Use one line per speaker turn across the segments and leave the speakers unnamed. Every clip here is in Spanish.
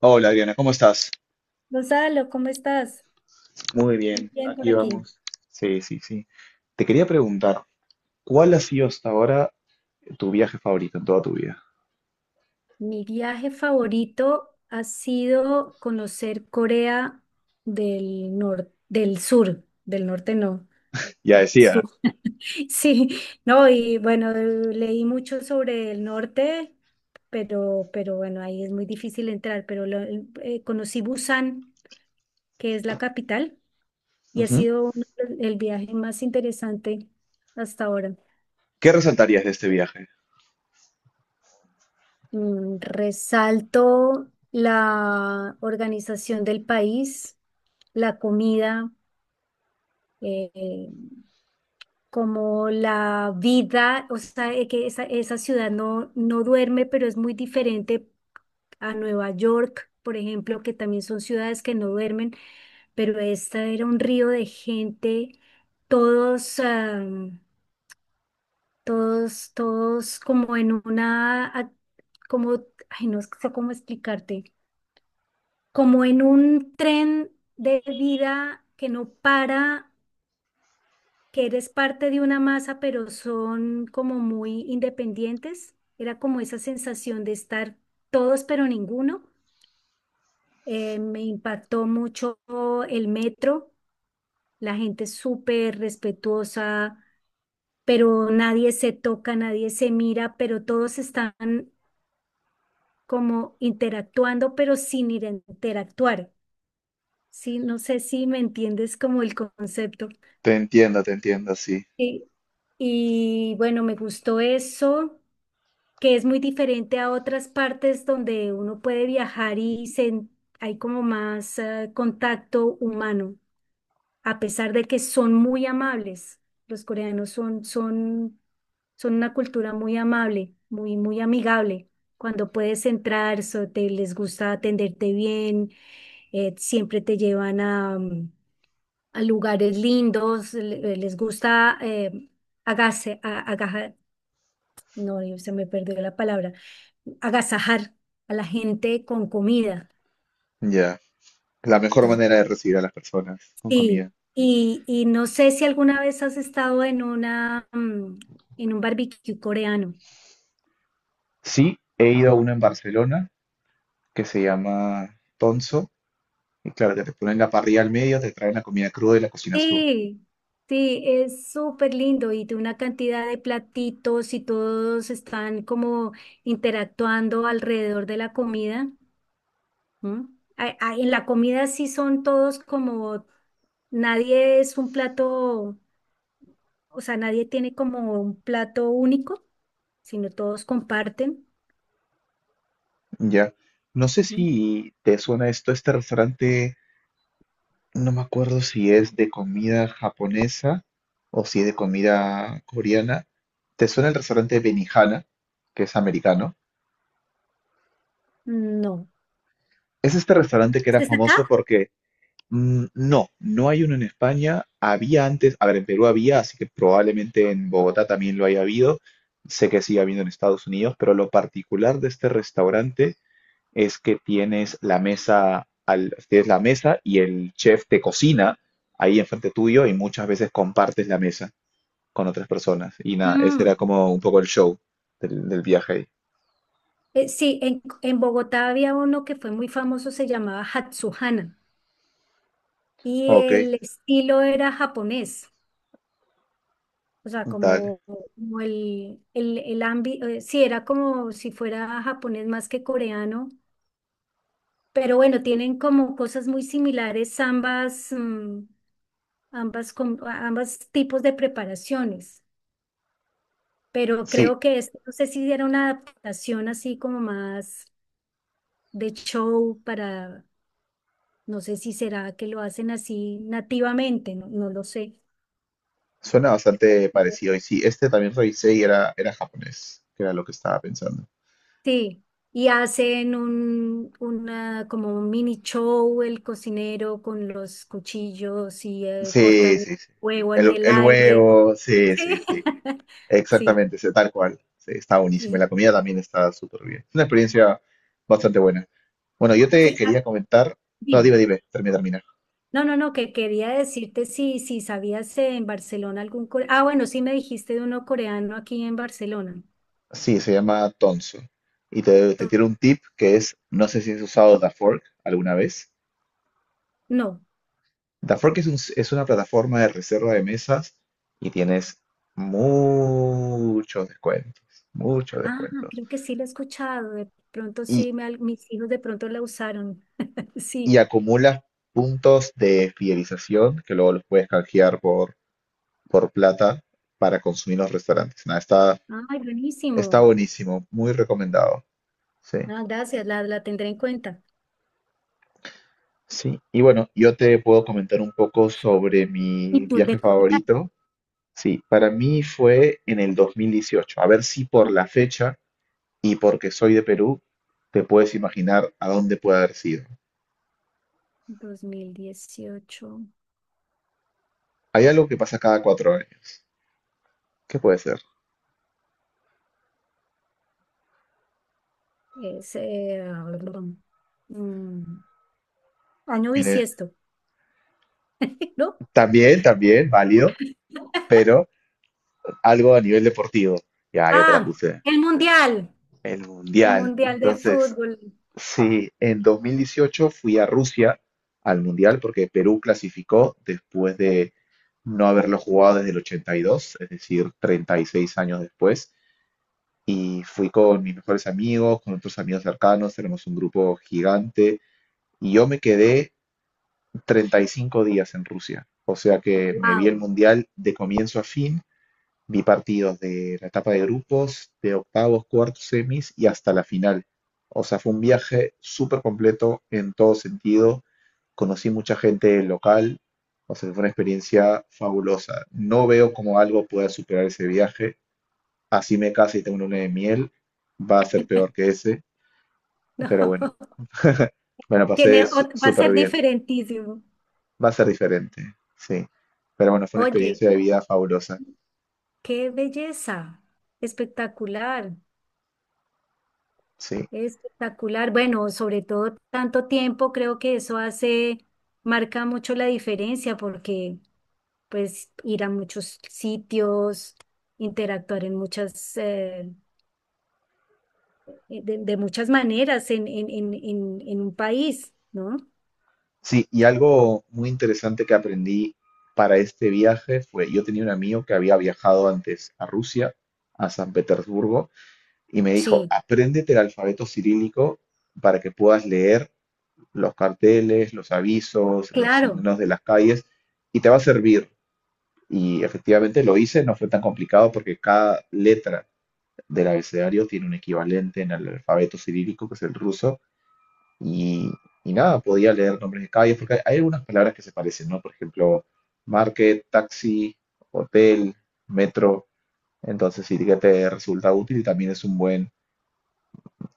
Hola Adriana, ¿cómo estás?
Gonzalo, ¿cómo estás?
Muy
Muy
bien,
bien por
aquí
aquí.
vamos. Sí, sí, sí. Te quería preguntar, ¿cuál ha sido hasta ahora tu viaje favorito en toda tu vida?
Mi viaje favorito ha sido conocer Corea del norte, del sur, del norte no,
Ya
del
decía.
sur. Sí, no, y bueno, leí mucho sobre el norte, pero bueno, ahí es muy difícil entrar, conocí Busan, que es la capital, y ha
Ujú.
sido el viaje más interesante hasta ahora.
¿Qué resaltarías de este viaje?
Resalto la organización del país, la comida, eh, eh, como la vida, o sea, que esa ciudad no duerme, pero es muy diferente a Nueva York, por ejemplo, que también son ciudades que no duermen, pero esta era un río de gente, todos, todos como en una, como, ay, no sé cómo explicarte como en un tren de vida que no para, que eres parte de una masa, pero son como muy independientes. Era como esa sensación de estar todos, pero ninguno. Me impactó mucho el metro, la gente es súper respetuosa, pero nadie se toca, nadie se mira, pero todos están como interactuando, pero sin ir a interactuar. Sí, no sé si me entiendes como el concepto.
Te entiendo, sí.
Y, y bueno, me gustó eso, que es muy diferente a otras partes donde uno puede viajar hay como más contacto humano, a pesar de que son muy amables. Los coreanos son una cultura muy amable, muy, muy amigable. Cuando puedes entrar, les gusta atenderte bien, siempre te llevan a, lugares lindos, les gusta agase, a- agaja- no, se me perdió la palabra, agasajar a la gente con comida.
Ya. La mejor
Entonces,
manera de recibir a las personas con comida.
sí, y no sé si alguna vez has estado en un barbecue coreano.
Sí, he ido a uno en Barcelona que se llama Tonso. Y claro, que te ponen la parrilla al medio, te traen la comida cruda y la cocinas tú.
Sí, sí, es súper lindo y tiene una cantidad de platitos y todos están como interactuando alrededor de la comida. ¿Mm? Ay, en la comida sí son todos como, nadie es un plato, o sea, nadie tiene como un plato único, sino todos comparten.
Ya. No sé
¿Mm?
si te suena esto, este restaurante. No me acuerdo si es de comida japonesa o si es de comida coreana. ¿Te suena el restaurante Benihana, que es americano?
No.
Es este restaurante que era
¿Estás acá?
famoso porque no, no hay uno en España. Había antes, a ver, en Perú había, así que probablemente en Bogotá también lo haya habido. Sé que sigue habiendo en Estados Unidos, pero lo particular de este restaurante es que tienes la mesa, tienes la mesa y el chef te cocina ahí enfrente tuyo y muchas veces compartes la mesa con otras personas. Y nada, ese
Mm.
era como un poco el show del viaje ahí.
Sí, en Bogotá había uno que fue muy famoso, se llamaba Hatsuhana, y
Ok,
el estilo era japonés, o sea,
dale.
como el ámbito, sí, era como si fuera japonés más que coreano. Pero bueno, tienen como cosas muy similares ambas, mm, ambas tipos de preparaciones. Pero
Sí,
creo que este, no sé si era una adaptación así como más de show para, no sé si será que lo hacen así nativamente, no, no lo sé.
suena bastante parecido. Y sí, este también revisé y era japonés, que era lo que estaba pensando.
Sí, y hacen una, como un mini show el cocinero con los cuchillos y cortan
Sí,
el
sí, sí.
huevo en
El,
el
el
aire.
huevo, sí, sí, sí.
Sí, sí.
Exactamente, sí, tal cual. Sí, está buenísimo.
Sí,
Y la
sí.
comida
Sí,
también está súper bien. Es una experiencia bastante buena. Bueno, yo te
sí, ah,
quería comentar. No,
dime.
dime, dime, termina, termina.
No, no, no, que quería decirte si sabías en Barcelona algún coreano. Ah, bueno, sí me dijiste de uno coreano aquí en Barcelona.
Sí, se llama Tonso. Y te
To-
tiro un tip que es, no sé si has usado DaFork alguna vez.
No.
DaFork es una plataforma de reserva de mesas y tienes muchos descuentos, muchos
Ah,
descuentos.
creo que sí lo he escuchado. De pronto
Y,
sí, mis hijos de pronto la usaron. Sí.
y acumulas puntos de fidelización que luego los puedes canjear por, plata para consumir en los restaurantes. Nada, está,
Ay,
está
buenísimo.
buenísimo, muy recomendado. Sí.
Ah, gracias, la tendré en cuenta.
Sí, y bueno, yo te puedo comentar un poco sobre mi
¿Y tú de
viaje
tu viaje?
favorito, sí, para mí fue en el 2018. A ver si por la fecha y porque soy de Perú, te puedes imaginar a dónde puede haber sido.
2018
Hay algo que pasa cada 4 años. ¿Qué puede ser?
es mm, año
En el-
bisiesto, ¿no?
También, también, válido, pero algo a nivel deportivo. Ya, ya te la
Ah,
puse.
el mundial.
El
El
Mundial.
Mundial de
Entonces,
Fútbol,
sí, en 2018 fui a Rusia al Mundial porque Perú clasificó después de no haberlo jugado desde el 82, es decir, 36 años después. Y fui con mis mejores amigos, con otros amigos cercanos, tenemos un grupo gigante y yo me quedé 35 días en Rusia. O sea que me vi el
wow,
mundial de comienzo a fin, vi partidos de la etapa de grupos, de octavos, cuartos, semis y hasta la final. O sea, fue un viaje súper completo en todo sentido. Conocí mucha gente local, o sea, fue una experiencia fabulosa. No veo cómo algo pueda superar ese viaje. Así me case y tengo una luna de miel, va a ser peor que ese, pero bueno,
no.
Bueno,
Tiene,
pasé su-
va a
súper
ser
bien.
diferentísimo.
Va a ser diferente, sí. Pero bueno, fue una
Oye,
experiencia de vida fabulosa,
qué belleza, espectacular,
sí.
espectacular. Bueno, sobre todo tanto tiempo, creo que eso hace, marca mucho la diferencia porque pues ir a muchos sitios, interactuar en de muchas maneras en un país, ¿no?
Sí, y algo muy interesante que aprendí para este viaje fue, yo tenía un amigo que había viajado antes a Rusia, a San Petersburgo, y me dijo,
Sí,
apréndete el alfabeto cirílico para que puedas leer los carteles, los avisos, los
claro,
signos de las calles, y te va a servir. Y efectivamente lo hice, no fue tan complicado porque cada letra del abecedario tiene un equivalente en el alfabeto cirílico, que es el ruso, y, y, nada, podía leer nombres de calles, porque hay algunas palabras que se parecen, ¿no? Por ejemplo, market, taxi, hotel, metro. Entonces sí que te resulta útil y también es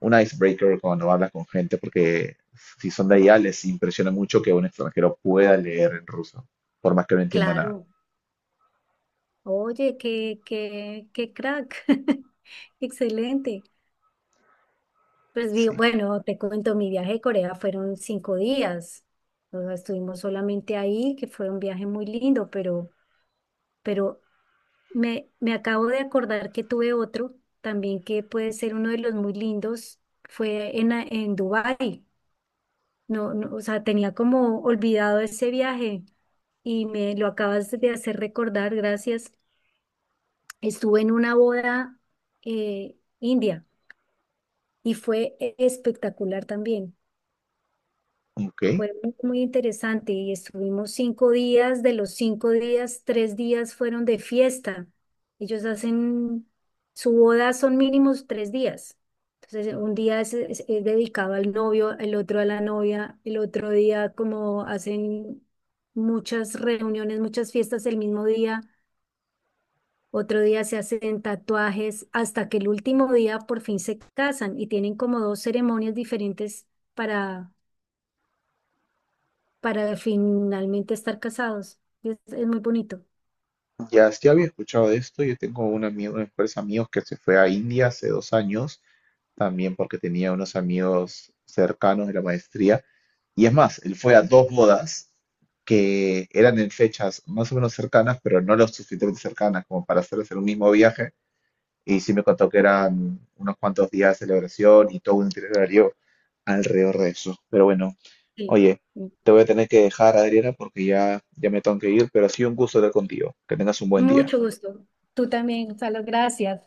un icebreaker cuando hablas con gente, porque si son de allá les impresiona mucho que un extranjero pueda leer en ruso, por más que no entienda nada.
claro. Oye, qué crack. Excelente. Pues
Sí.
bueno, te cuento, mi viaje a Corea fueron 5 días. O sea, estuvimos solamente ahí, que fue un viaje muy lindo, pero, pero me acabo de acordar que tuve otro también que puede ser uno de los muy lindos. Fue en Dubái. No, no, o sea, tenía como olvidado ese viaje y me lo acabas de hacer recordar, gracias. Estuve en una boda india. Y espectacular también.
Ok.
Fue muy, muy interesante y estuvimos 5 días, de los 5 días, 3 días fueron de fiesta. Ellos hacen, su boda son mínimos 3 días. Entonces, un día es dedicado al novio, el otro a la novia, el otro día como hacen muchas reuniones, muchas fiestas el mismo día, otro día se hacen tatuajes, hasta que el último día por fin se casan y tienen como dos ceremonias diferentes para, para finalmente estar casados. Es muy bonito.
Ya, sí había escuchado de esto. Yo tengo unos mejores amigos que se fue a India hace 2 años, también porque tenía unos amigos cercanos de la maestría. Y es más, él fue a dos bodas que eran en fechas más o menos cercanas, pero no lo suficientemente cercanas como para hacer un mismo viaje. Y sí me contó que eran unos cuantos días de celebración y todo un itinerario alrededor de eso. Pero bueno,
Sí.
oye, te voy a tener que dejar, Adriana, porque ya, ya me tengo que ir, pero ha sido un gusto estar contigo. Que tengas un buen día.
Mucho gusto. Tú también, Gonzalo. Gracias.